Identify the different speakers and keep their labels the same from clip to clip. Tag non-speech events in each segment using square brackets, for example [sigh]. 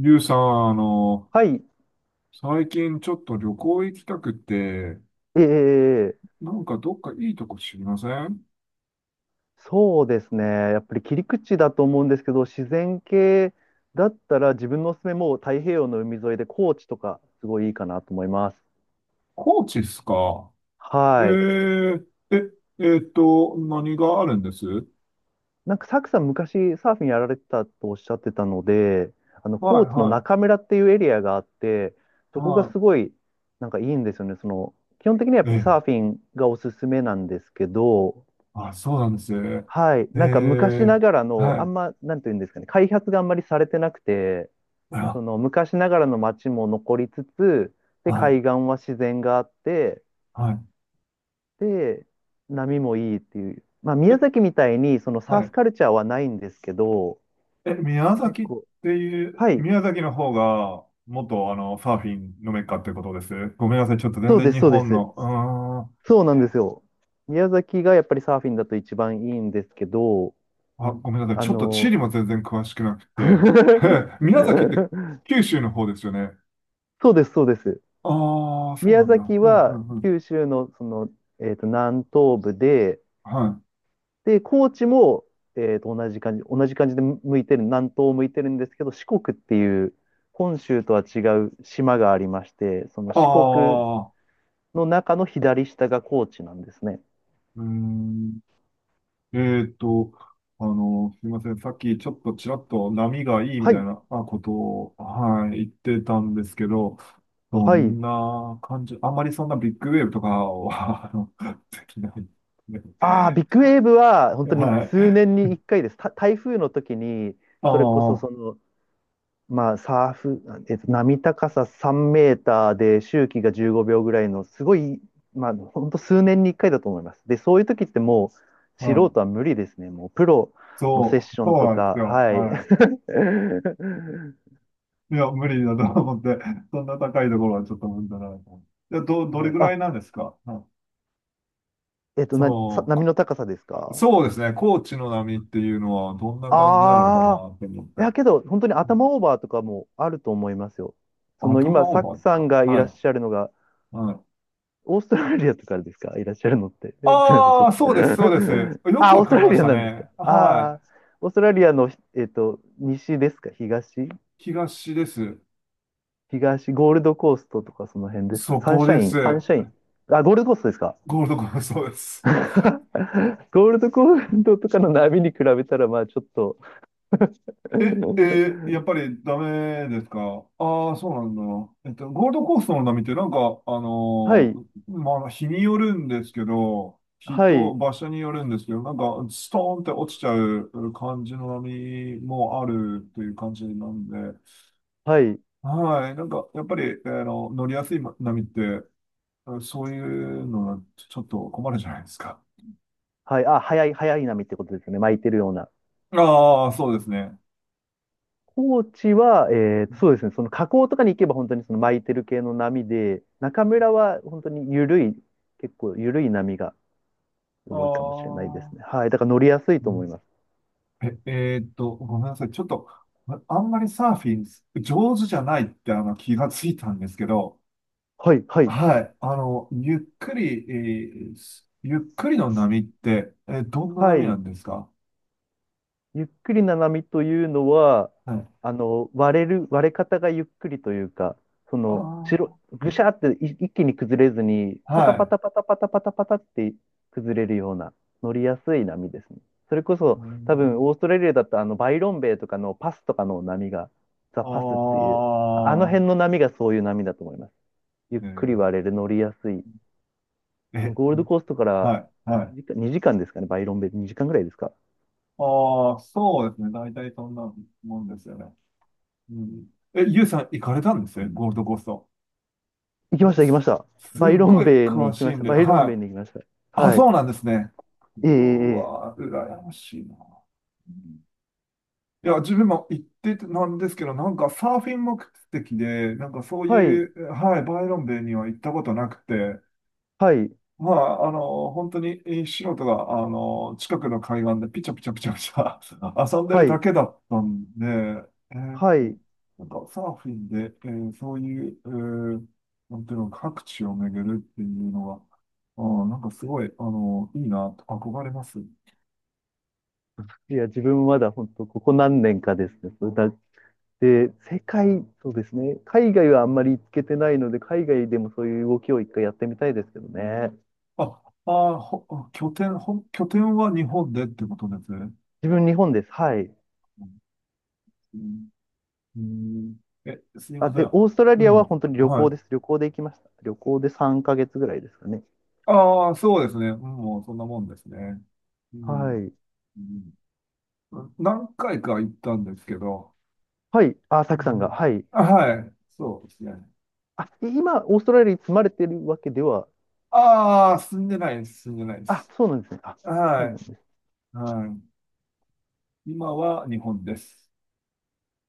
Speaker 1: リュウさん、
Speaker 2: はい、
Speaker 1: 最近ちょっと旅行行きたくて、
Speaker 2: ええ
Speaker 1: なんかどっかいいとこ知りません？
Speaker 2: そうですね。やっぱり切り口だと思うんですけど、自然系だったら自分のおすすめもう太平洋の海沿いで高知とかすごいいいかなと思います。
Speaker 1: 高知っすか？え
Speaker 2: はい。
Speaker 1: ー、え、えーっと、何があるんです？はい、
Speaker 2: なんかサクさん昔サーフィンやられてたとおっしゃってたので、あの高知の
Speaker 1: は
Speaker 2: 中村っていうエリアがあって、
Speaker 1: い、
Speaker 2: そこが
Speaker 1: は
Speaker 2: すごいなんかいいんですよね。その基本的にはやっ
Speaker 1: い。
Speaker 2: ぱり
Speaker 1: え、
Speaker 2: サーフィンがおすすめなんですけど、
Speaker 1: あ、そうなんですね。
Speaker 2: はい。
Speaker 1: え
Speaker 2: なんか昔な
Speaker 1: ー、
Speaker 2: がらの
Speaker 1: はい、
Speaker 2: なんていうんですかね、開発があんまりされてなくて、そ
Speaker 1: あ、
Speaker 2: の昔ながらの街も残りつつ、で、
Speaker 1: はい、
Speaker 2: 海岸は自然があって、
Speaker 1: はい。
Speaker 2: で、波もいいっていう。まあ、
Speaker 1: え、
Speaker 2: 宮崎みたいに、そのサ
Speaker 1: は
Speaker 2: ーフ
Speaker 1: い。
Speaker 2: カルチャーはないんですけど、
Speaker 1: え、宮
Speaker 2: 結
Speaker 1: 崎っ
Speaker 2: 構、
Speaker 1: ていう、
Speaker 2: はい、
Speaker 1: 宮崎の方が、元サーフィンのメッカってことです？ごめんなさい、ちょっと全
Speaker 2: そう
Speaker 1: 然
Speaker 2: です、
Speaker 1: 日
Speaker 2: そうで
Speaker 1: 本
Speaker 2: す。
Speaker 1: の、う
Speaker 2: そうな
Speaker 1: ー
Speaker 2: んで
Speaker 1: ん。
Speaker 2: すよ。宮崎がやっぱりサーフィンだと一番いいんですけど、
Speaker 1: あ、ごめんなさい。
Speaker 2: あ
Speaker 1: ちょっと地理
Speaker 2: の、
Speaker 1: も全然詳しくなくて。[laughs] 宮崎って
Speaker 2: [laughs]
Speaker 1: 九州の方ですよね？
Speaker 2: そうです。
Speaker 1: ああ、そう
Speaker 2: 宮
Speaker 1: なんだ。
Speaker 2: 崎
Speaker 1: うんう
Speaker 2: は
Speaker 1: んうん。
Speaker 2: 九州のその、えっと、南東部で、
Speaker 1: はい。
Speaker 2: で、高知も、同じ感じで向いてる、南東を向いてるんですけど、四国っていう、本州とは違う島がありまして、その
Speaker 1: あ
Speaker 2: 四国
Speaker 1: あ、
Speaker 2: の中の左下が高知なんですね。
Speaker 1: うーん。えっと、すいません。さっきちらっと波がいいみ
Speaker 2: は
Speaker 1: たい
Speaker 2: い、
Speaker 1: なあことを、はい、言ってたんですけど、ど
Speaker 2: はい。
Speaker 1: んな感じ、あんまりそんなビッグウェーブとかは、[laughs] できない。
Speaker 2: ああ、ビッグウェーブは本当に
Speaker 1: は
Speaker 2: 数
Speaker 1: い。
Speaker 2: 年に1回です。台風の時に、
Speaker 1: ああ、
Speaker 2: それこそ
Speaker 1: は
Speaker 2: そのサーフ、えっと、波高さ3メーターで周期が15秒ぐらいの、すごい、まあ、ほんと数年に1回だと思います。で、そういう時ってもう、素人は
Speaker 1: い。
Speaker 2: 無理ですね。もう、プロのセッショ
Speaker 1: そ
Speaker 2: ン
Speaker 1: う
Speaker 2: と
Speaker 1: なんで
Speaker 2: か、
Speaker 1: すよ。
Speaker 2: はい。
Speaker 1: はい。
Speaker 2: [laughs]
Speaker 1: いや、無理だと思って、[laughs] そんな高いところはちょっと無理だなと思って。じゃあどれ
Speaker 2: はい。
Speaker 1: ぐら
Speaker 2: あ、
Speaker 1: いなんですか？うん。
Speaker 2: えっと、
Speaker 1: その、
Speaker 2: 波
Speaker 1: こ
Speaker 2: の高さですか？
Speaker 1: そうですね、高知の波っていうのはどんな感じなのか
Speaker 2: あ
Speaker 1: な
Speaker 2: あ、
Speaker 1: って思っ
Speaker 2: いや
Speaker 1: て。
Speaker 2: けど、本当に頭オーバーとかもあると思いますよ。その
Speaker 1: 頭
Speaker 2: 今、
Speaker 1: オ
Speaker 2: サ
Speaker 1: ー
Speaker 2: ッ
Speaker 1: バ
Speaker 2: ク
Speaker 1: ー
Speaker 2: さん
Speaker 1: か。
Speaker 2: がい
Speaker 1: は
Speaker 2: らっ
Speaker 1: い。
Speaker 2: しゃるのが、
Speaker 1: はい。
Speaker 2: オーストラリアとかですか？いらっしゃるのって。え、すみません、ちょ
Speaker 1: あ
Speaker 2: っ
Speaker 1: あ、
Speaker 2: と。
Speaker 1: そうです。
Speaker 2: [laughs]
Speaker 1: よく
Speaker 2: あ、オ
Speaker 1: わ
Speaker 2: ース
Speaker 1: か
Speaker 2: ト
Speaker 1: り
Speaker 2: ラ
Speaker 1: ま
Speaker 2: リ
Speaker 1: し
Speaker 2: ア
Speaker 1: た
Speaker 2: なんですか？
Speaker 1: ね。はい。
Speaker 2: ああ、オーストラリアの、えっと、西ですか？東？
Speaker 1: 東です。
Speaker 2: 東、ゴールドコーストとかその辺ですか？
Speaker 1: そこで
Speaker 2: サン
Speaker 1: す。
Speaker 2: シャイン。あ、ゴールドコーストですか？
Speaker 1: ゴールドコーストです。
Speaker 2: [laughs] ゴールドコーストとかの波に比べたら、まあちょっと
Speaker 1: え、
Speaker 2: [laughs]
Speaker 1: えー、やっぱりダメですか？ああー、そうなんだ。えっと、ゴールドコーストの波ってなんか、
Speaker 2: はい、
Speaker 1: まあ、日によるんですけど、日
Speaker 2: は
Speaker 1: と
Speaker 2: い、
Speaker 1: 場所によるんですけど、なんか、ストーンって落ちちゃう感じの波もあるという感じなんで、
Speaker 2: はい、
Speaker 1: はい、なんか、やっぱり、乗りやすい波って、そういうのはちょっと困るじゃないですか。
Speaker 2: はい。あ、早い波ってことですよね。巻いてるような。
Speaker 1: ああ、そうですね。
Speaker 2: 高知は、えーそうですね、その河口とかに行けば本当にその巻いてる系の波で、中村は本当に結構緩い波が
Speaker 1: あ
Speaker 2: 多いかもしれないですね。
Speaker 1: あ、
Speaker 2: はい、だから乗りやすい
Speaker 1: う
Speaker 2: と思い
Speaker 1: ん。
Speaker 2: ます。
Speaker 1: え、えーっと、ごめんなさい。ちょっと、ああんまりサーフィン上手じゃないって気がついたんですけど、
Speaker 2: はい、はい、
Speaker 1: はい。ゆっくりの波って、どんな
Speaker 2: は
Speaker 1: 波な
Speaker 2: い。
Speaker 1: んですか？
Speaker 2: ゆっくりな波というのは、
Speaker 1: はい。
Speaker 2: あの、割れ方がゆっくりというか、その、
Speaker 1: あ
Speaker 2: ぐしゃってい一気に崩れずに、
Speaker 1: あ、
Speaker 2: パ
Speaker 1: は
Speaker 2: タパ
Speaker 1: い。
Speaker 2: タパタパタパタパタって崩れるような、乗りやすい波ですね。それこそ、
Speaker 1: う
Speaker 2: 多分、
Speaker 1: ん。
Speaker 2: オーストラリアだと、あの、バイロンベイとかのパスとかの波が、ザ・
Speaker 1: あ
Speaker 2: パスっていう、ああの辺
Speaker 1: あ、
Speaker 2: の波がそういう波だと思います。ゆっ
Speaker 1: え
Speaker 2: くり
Speaker 1: ー、
Speaker 2: 割れる、乗りやすい。
Speaker 1: え、
Speaker 2: ゴールドコーストから
Speaker 1: はい、はい。
Speaker 2: 2時間ですかね、バイロンベイ2時間ぐらいですか。
Speaker 1: ああ、そうですね。大体そんなもんですよね。うん。え、ゆうさん行かれたんですね、ゴールドコースト。もう
Speaker 2: 行きま
Speaker 1: す
Speaker 2: した。
Speaker 1: すっ
Speaker 2: バイロ
Speaker 1: ご
Speaker 2: ン
Speaker 1: い
Speaker 2: ベイに
Speaker 1: 詳
Speaker 2: 行き
Speaker 1: し
Speaker 2: ま
Speaker 1: い
Speaker 2: し
Speaker 1: ん
Speaker 2: た。
Speaker 1: で、
Speaker 2: バイロンベイ
Speaker 1: は
Speaker 2: に
Speaker 1: い。
Speaker 2: 行きました。
Speaker 1: あ、
Speaker 2: はい。
Speaker 1: そうなんですね。
Speaker 2: ええ、
Speaker 1: う
Speaker 2: ええ、
Speaker 1: わ、羨ましいな。うん。いや、自分も行っててなんですけど、なんかサーフィン目的で、なんかそう
Speaker 2: はい、
Speaker 1: いう、はい、バイロンベイには行ったことなくて、
Speaker 2: はい、
Speaker 1: まあ、本当に素人が、近くの海岸でピチャピチャピチャピチャ [laughs] 遊んでる
Speaker 2: は
Speaker 1: だ
Speaker 2: い、
Speaker 1: けだったんで、え
Speaker 2: は
Speaker 1: ー
Speaker 2: い。
Speaker 1: なんかサーフィンで、えーそういう、えーなんていうの、各地を巡るっていうのは、なんかすごい、いいな、と憧れます。
Speaker 2: いや、自分まだ本当、ここ何年かですね。それだって、世界、そうですね。海外はあんまり行けてないので、海外でもそういう動きを一回やってみたいですけどね。
Speaker 1: あ、あー、ほ、拠点、ほ、拠点は日本でってことですね。
Speaker 2: 自分、日本です。はい。
Speaker 1: うん、うん。え、すい
Speaker 2: あ、
Speaker 1: ませ
Speaker 2: で、
Speaker 1: ん。
Speaker 2: オーストラ
Speaker 1: う
Speaker 2: リアは
Speaker 1: ん。
Speaker 2: 本当に旅
Speaker 1: は
Speaker 2: 行です。
Speaker 1: い。
Speaker 2: 旅行で行きました。旅行で3ヶ月ぐらいですかね。
Speaker 1: ああ、そうですね。うん、もうそんなもんですね。う
Speaker 2: は
Speaker 1: ん、
Speaker 2: い。
Speaker 1: うん。何回か行ったんですけど、
Speaker 2: はい。あ、サ
Speaker 1: う
Speaker 2: クさんが。
Speaker 1: ん、
Speaker 2: はい。
Speaker 1: あ、はい、そうですね。
Speaker 2: あ、今、オーストラリアに住まれてるわけでは？
Speaker 1: ああ、住んでないで
Speaker 2: あ、
Speaker 1: す。
Speaker 2: そうなんですね。あ、そ
Speaker 1: は
Speaker 2: うなんです。
Speaker 1: い、はい。今は日本です。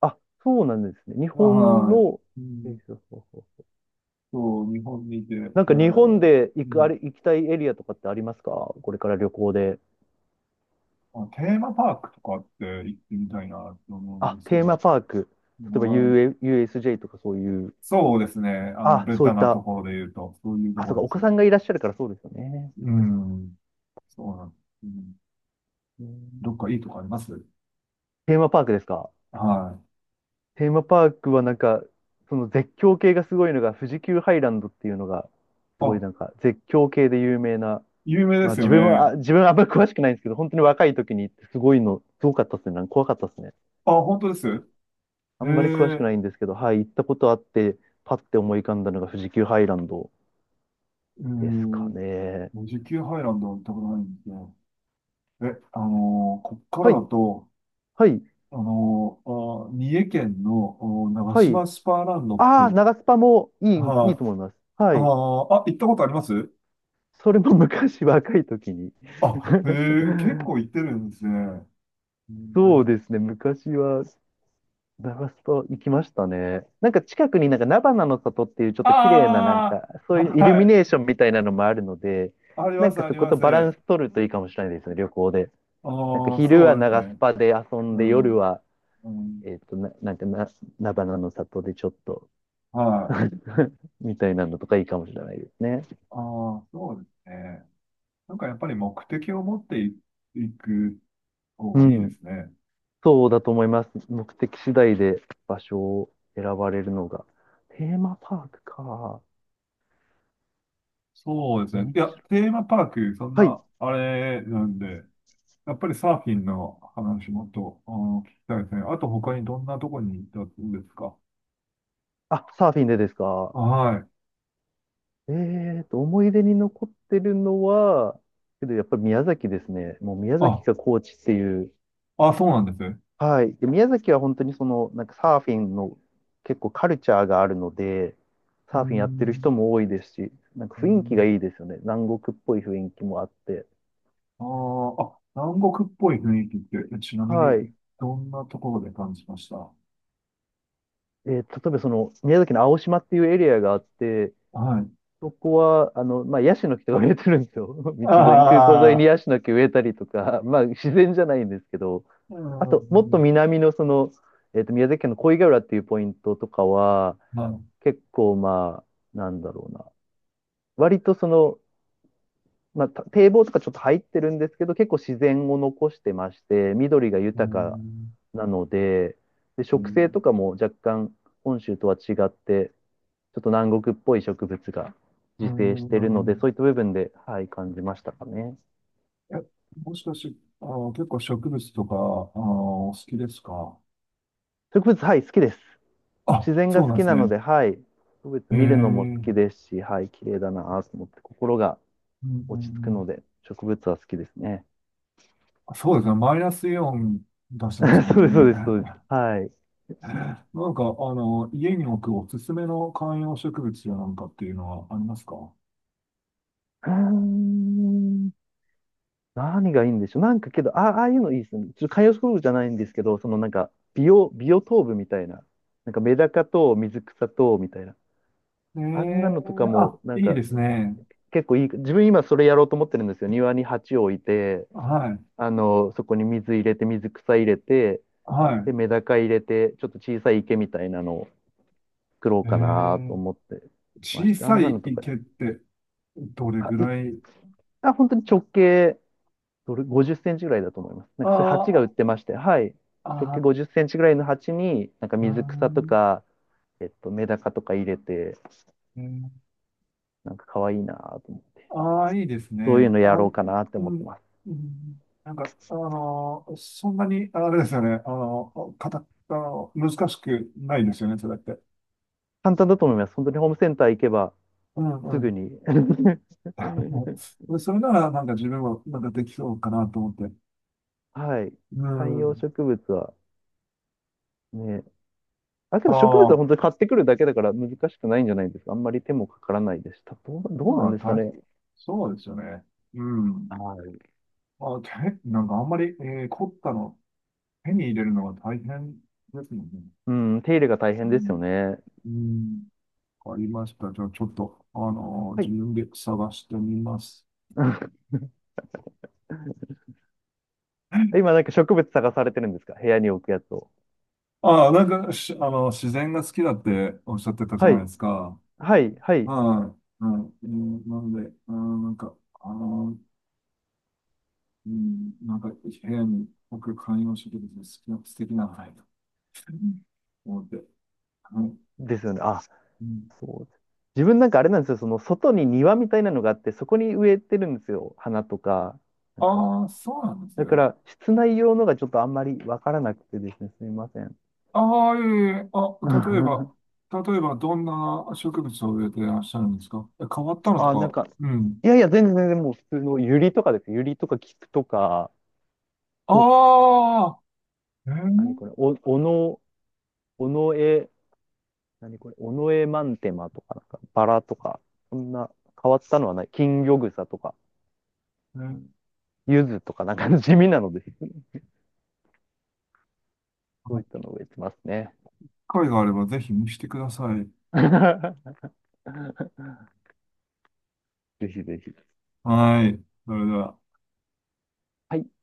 Speaker 2: あ、そうなんですね。日本
Speaker 1: は
Speaker 2: の、
Speaker 1: い。う
Speaker 2: え、
Speaker 1: ん、
Speaker 2: ーそう、
Speaker 1: そう、日本にいて、え
Speaker 2: なんか日本
Speaker 1: ー、
Speaker 2: で
Speaker 1: う
Speaker 2: 行く、あ
Speaker 1: ん、
Speaker 2: れ、行きたいエリアとかってありますか？これから旅行で。
Speaker 1: あ、テーマパークとかって行ってみたいなと思うん
Speaker 2: あ、
Speaker 1: ですけ
Speaker 2: テーマ
Speaker 1: ど、
Speaker 2: パーク。例えば
Speaker 1: はい。
Speaker 2: u USJ とかそういう。
Speaker 1: そうですね。
Speaker 2: あ、
Speaker 1: ベ
Speaker 2: そう
Speaker 1: タ
Speaker 2: いっ
Speaker 1: なと
Speaker 2: た。
Speaker 1: ころで言うと、そういうと
Speaker 2: あ、
Speaker 1: こ
Speaker 2: そう
Speaker 1: ろ
Speaker 2: か、
Speaker 1: で
Speaker 2: お子
Speaker 1: す。
Speaker 2: さんがいらっしゃるからそうですよね。
Speaker 1: うん。そうなん、うん。
Speaker 2: うん、
Speaker 1: どっかいいとこあります？
Speaker 2: テーマパークですか？
Speaker 1: はい。
Speaker 2: テーマパークはなんか、その絶叫系がすごいのが、富士急ハイランドっていうのが、すごい
Speaker 1: あ、
Speaker 2: なんか絶叫系で有名な、
Speaker 1: 有名で
Speaker 2: まあ
Speaker 1: すよ
Speaker 2: 自分は、
Speaker 1: ね。
Speaker 2: あ自分はあんまり詳しくないんですけど、本当に若い時に行ってすごいの、すごかったですね。なんか怖かったですね。
Speaker 1: あ、本当です？
Speaker 2: あ
Speaker 1: え
Speaker 2: んまり詳しく
Speaker 1: え、
Speaker 2: ないんですけど、はい、行ったことあって、パッて思い浮かんだのが富士急ハイランド
Speaker 1: う
Speaker 2: ですか
Speaker 1: ん。
Speaker 2: ね。
Speaker 1: 富士急ハイランドは行ったことないんですよ。え、こっか
Speaker 2: は
Speaker 1: ら
Speaker 2: い、
Speaker 1: だと、
Speaker 2: はい、
Speaker 1: あのー三重県のお長
Speaker 2: はい。
Speaker 1: 島スパーランドって、
Speaker 2: ああ、長スパもいい、いい
Speaker 1: は
Speaker 2: と
Speaker 1: い。
Speaker 2: 思います。は
Speaker 1: あ
Speaker 2: い。
Speaker 1: ー、あ、行ったことあります？
Speaker 2: それも昔若い時に。
Speaker 1: あ、ええ、結構
Speaker 2: [laughs]
Speaker 1: 行ってるんですね。う
Speaker 2: そう
Speaker 1: ん、
Speaker 2: ですね、昔はザバス行きましたね。なんか近くになんか菜花の里っていうちょっと綺麗ななん
Speaker 1: あ
Speaker 2: かそ
Speaker 1: あ、
Speaker 2: ういうイル
Speaker 1: は
Speaker 2: ミネー
Speaker 1: い。
Speaker 2: ションみたいなのもあるので、
Speaker 1: あり
Speaker 2: な
Speaker 1: ま
Speaker 2: ん
Speaker 1: す、
Speaker 2: か
Speaker 1: あ
Speaker 2: そ
Speaker 1: り
Speaker 2: こ
Speaker 1: ま
Speaker 2: とバラン
Speaker 1: す。
Speaker 2: ス取るといいかもしれないですね、旅行で。なんか
Speaker 1: ああ、
Speaker 2: 昼
Speaker 1: そ
Speaker 2: は
Speaker 1: うです
Speaker 2: 長ス
Speaker 1: ね。
Speaker 2: パで遊ん
Speaker 1: う
Speaker 2: で夜
Speaker 1: ん。
Speaker 2: は、
Speaker 1: うん。
Speaker 2: な、菜花の里でちょっと
Speaker 1: はい。
Speaker 2: [laughs] みたいなのとかいいかもしれないですね。
Speaker 1: ああ、そうですね。なんかやっぱり目的を持っていく方
Speaker 2: う
Speaker 1: がいいで
Speaker 2: ん。
Speaker 1: すね。
Speaker 2: そうだと思います。目的次第で場所を選ばれるのが。テーマパークか。
Speaker 1: そうですね。
Speaker 2: 面
Speaker 1: い
Speaker 2: 白
Speaker 1: や、
Speaker 2: い。
Speaker 1: テーマパーク、そん
Speaker 2: はい。
Speaker 1: な、あれなんで、やっぱりサーフィンの話もっと、聞きたいですね。あと他にどんなとこに行ったんですか？
Speaker 2: あ、サーフィンでですか。
Speaker 1: はい。
Speaker 2: えーと、思い出に残ってるのは、けどやっぱり宮崎ですね。もう宮崎
Speaker 1: あ、
Speaker 2: が高知っていう。
Speaker 1: あ、そうなんですね。
Speaker 2: はい。で、宮崎は本当にその、なんかサーフィンの結構カルチャーがあるので、
Speaker 1: うー
Speaker 2: サーフィンやってる
Speaker 1: ん。
Speaker 2: 人も多いですし、なんか
Speaker 1: うー
Speaker 2: 雰囲気が
Speaker 1: ん。
Speaker 2: いいですよね。南国っぽい雰囲気もあって。
Speaker 1: あーあ、南国っぽい雰囲気って、ちなみ
Speaker 2: は
Speaker 1: に
Speaker 2: い。
Speaker 1: どんなところで感じました？
Speaker 2: 例えばその、宮崎の青島っていうエリアがあって、
Speaker 1: はい。
Speaker 2: そこは、あの、まあ、ヤシの木とか植えてるんですよ。[laughs] 道沿いに、空港沿いに
Speaker 1: ああ、
Speaker 2: ヤシの木植えたりとか、[laughs] まあ、自然じゃないんですけど、
Speaker 1: う
Speaker 2: あと、もっと
Speaker 1: ん。
Speaker 2: 南のその、えっと、宮崎県の小井ヶ浦っていうポイントとかは、
Speaker 1: はい。
Speaker 2: 結構、まあ、なんだろうな。割とその、まあ、堤防とかちょっと入ってるんですけど、結構自然を残してまして、緑が
Speaker 1: う
Speaker 2: 豊か
Speaker 1: ん、
Speaker 2: なので、で、
Speaker 1: う
Speaker 2: 植生
Speaker 1: ん、
Speaker 2: とかも若干本州とは違って、ちょっと南国っぽい植物が
Speaker 1: う
Speaker 2: 自生し
Speaker 1: ん、
Speaker 2: てるので、そういった部分で、はい、感じましたかね。
Speaker 1: え、もしかし、結構植物とか、お好きですか？
Speaker 2: 植物、はい、好きです。自
Speaker 1: あ、
Speaker 2: 然が
Speaker 1: そう
Speaker 2: 好
Speaker 1: なん
Speaker 2: き
Speaker 1: です
Speaker 2: なの
Speaker 1: ね。
Speaker 2: で、はい、植物
Speaker 1: へえ、う
Speaker 2: 見るのも好き
Speaker 1: ん、
Speaker 2: ですし、はい、綺麗だなぁと思って、心が
Speaker 1: う
Speaker 2: 落ち着くの
Speaker 1: ん、
Speaker 2: で、植物は好きですね。
Speaker 1: そうですね。マイナスイオン出してますも
Speaker 2: [laughs]
Speaker 1: ん
Speaker 2: そう
Speaker 1: ね。
Speaker 2: です、そうです、そうです。
Speaker 1: [laughs]
Speaker 2: はい。う
Speaker 1: なんか、家に置くおすすめの観葉植物やなんかっていうのはありますか？
Speaker 2: ーん。何がいいんでしょう。なんかけど、あ、ああいうのいいですね。ちょっと観葉植物じゃないんですけど、そのなんか、ビオトープみたいな。なんかメダカと水草と、みたいな。
Speaker 1: え
Speaker 2: あんな
Speaker 1: え、
Speaker 2: のとか
Speaker 1: あ、
Speaker 2: も、なん
Speaker 1: いい
Speaker 2: か
Speaker 1: ですね。
Speaker 2: 結構いい、自分今それやろうと思ってるんですよ。庭に鉢を置いて、
Speaker 1: はい、
Speaker 2: あの、そこに水入れて、水草入れて、
Speaker 1: は
Speaker 2: で、メダカ入れて、ちょっと小さい池みたいなのを作ろう
Speaker 1: い。え
Speaker 2: かなと
Speaker 1: え、
Speaker 2: 思ってまし
Speaker 1: 小
Speaker 2: て、あ
Speaker 1: さ
Speaker 2: んなの
Speaker 1: い
Speaker 2: とか、
Speaker 1: 池ってどれ
Speaker 2: あ、
Speaker 1: ぐ
Speaker 2: い、
Speaker 1: らい？
Speaker 2: あ、本当に直径、どれ、50センチぐらいだと思います。なん
Speaker 1: あ
Speaker 2: かそういう鉢が売っ
Speaker 1: あ、
Speaker 2: てまして、はい。直径
Speaker 1: あ
Speaker 2: 50センチぐらいの鉢に、なんか
Speaker 1: あ
Speaker 2: 水草と
Speaker 1: ー、
Speaker 2: か、えっと、メダカとか入れて、
Speaker 1: うん、
Speaker 2: なんか可愛いなと思って、
Speaker 1: ああ、いいです
Speaker 2: そういう
Speaker 1: ね。
Speaker 2: のや
Speaker 1: あ、
Speaker 2: ろ
Speaker 1: う
Speaker 2: うかなって思って
Speaker 1: ん、
Speaker 2: ます。
Speaker 1: うん、なんか、そんなに、あれですよね。あの、かた、あの、難しくないですよね、それって。
Speaker 2: 簡単だと思います。本当にホームセンター行けば、
Speaker 1: うん
Speaker 2: す
Speaker 1: う
Speaker 2: ぐ
Speaker 1: ん。
Speaker 2: に。
Speaker 1: [laughs]
Speaker 2: [laughs]
Speaker 1: でそれなら、なんか自分も、なんかできそうかなと思って。
Speaker 2: はい。
Speaker 1: う
Speaker 2: 観葉
Speaker 1: ん。
Speaker 2: 植物はね、あ、けど植物は
Speaker 1: ああ、
Speaker 2: 本当に買ってくるだけだから難しくないんじゃないですか。あんまり手もかからないですした。どうな
Speaker 1: ま
Speaker 2: ん
Speaker 1: あ、
Speaker 2: ですか
Speaker 1: た、
Speaker 2: ね。
Speaker 1: そうですよね。うん。
Speaker 2: はい。
Speaker 1: まあ、手、なんかあんまり、凝ったの、手に入れるのが大変ですもんね。
Speaker 2: うん、手入れが大
Speaker 1: う
Speaker 2: 変ですよ
Speaker 1: ん。
Speaker 2: ね。
Speaker 1: うん。わかりました。じゃあ、ちょっと、あの、
Speaker 2: は
Speaker 1: 自
Speaker 2: い。
Speaker 1: 分で探してみます。
Speaker 2: [laughs] 今なんか植物探されてるんですか？部屋に置くやつを。
Speaker 1: ああ、なんか、し、あの、自然が好きだっておっしゃってたじゃ
Speaker 2: は
Speaker 1: ないで
Speaker 2: い。
Speaker 1: すか。は
Speaker 2: はい
Speaker 1: い。はい。うん、なので、あの、部屋に僕観葉植物の好きな、素敵なのないと思って。はい。
Speaker 2: ですよね。あ、
Speaker 1: うん。
Speaker 2: そうです。自分なんかあれなんですよ。その外に庭みたいなのがあって、そこに植えてるんですよ。花とか、なんか
Speaker 1: ああ、そうなんです
Speaker 2: だか
Speaker 1: よ。
Speaker 2: ら、室内用のがちょっとあんまりわからなくてですね、すみません。
Speaker 1: ああ、いえいえ、あ、例えば、
Speaker 2: [laughs]
Speaker 1: 例えば、どんな植物を植えていらっしゃるんですか？え、変わったのと
Speaker 2: あ、なん
Speaker 1: か、
Speaker 2: か、
Speaker 1: うん。
Speaker 2: 全然もう普通のユリとかです、ユリとか菊とか、お、
Speaker 1: ああ、え
Speaker 2: 何
Speaker 1: ー、
Speaker 2: これ、おのえ、何これ、おのえマンテマとか、なんか、バラとか、そんな変わったのはない。金魚草とか、
Speaker 1: えー、
Speaker 2: 柚子とか、なんか地味なので、そういったのを植えてますね。
Speaker 1: 機会があればぜひ見してください。
Speaker 2: [laughs] ぜひぜひ。
Speaker 1: はい。それでは。
Speaker 2: はい。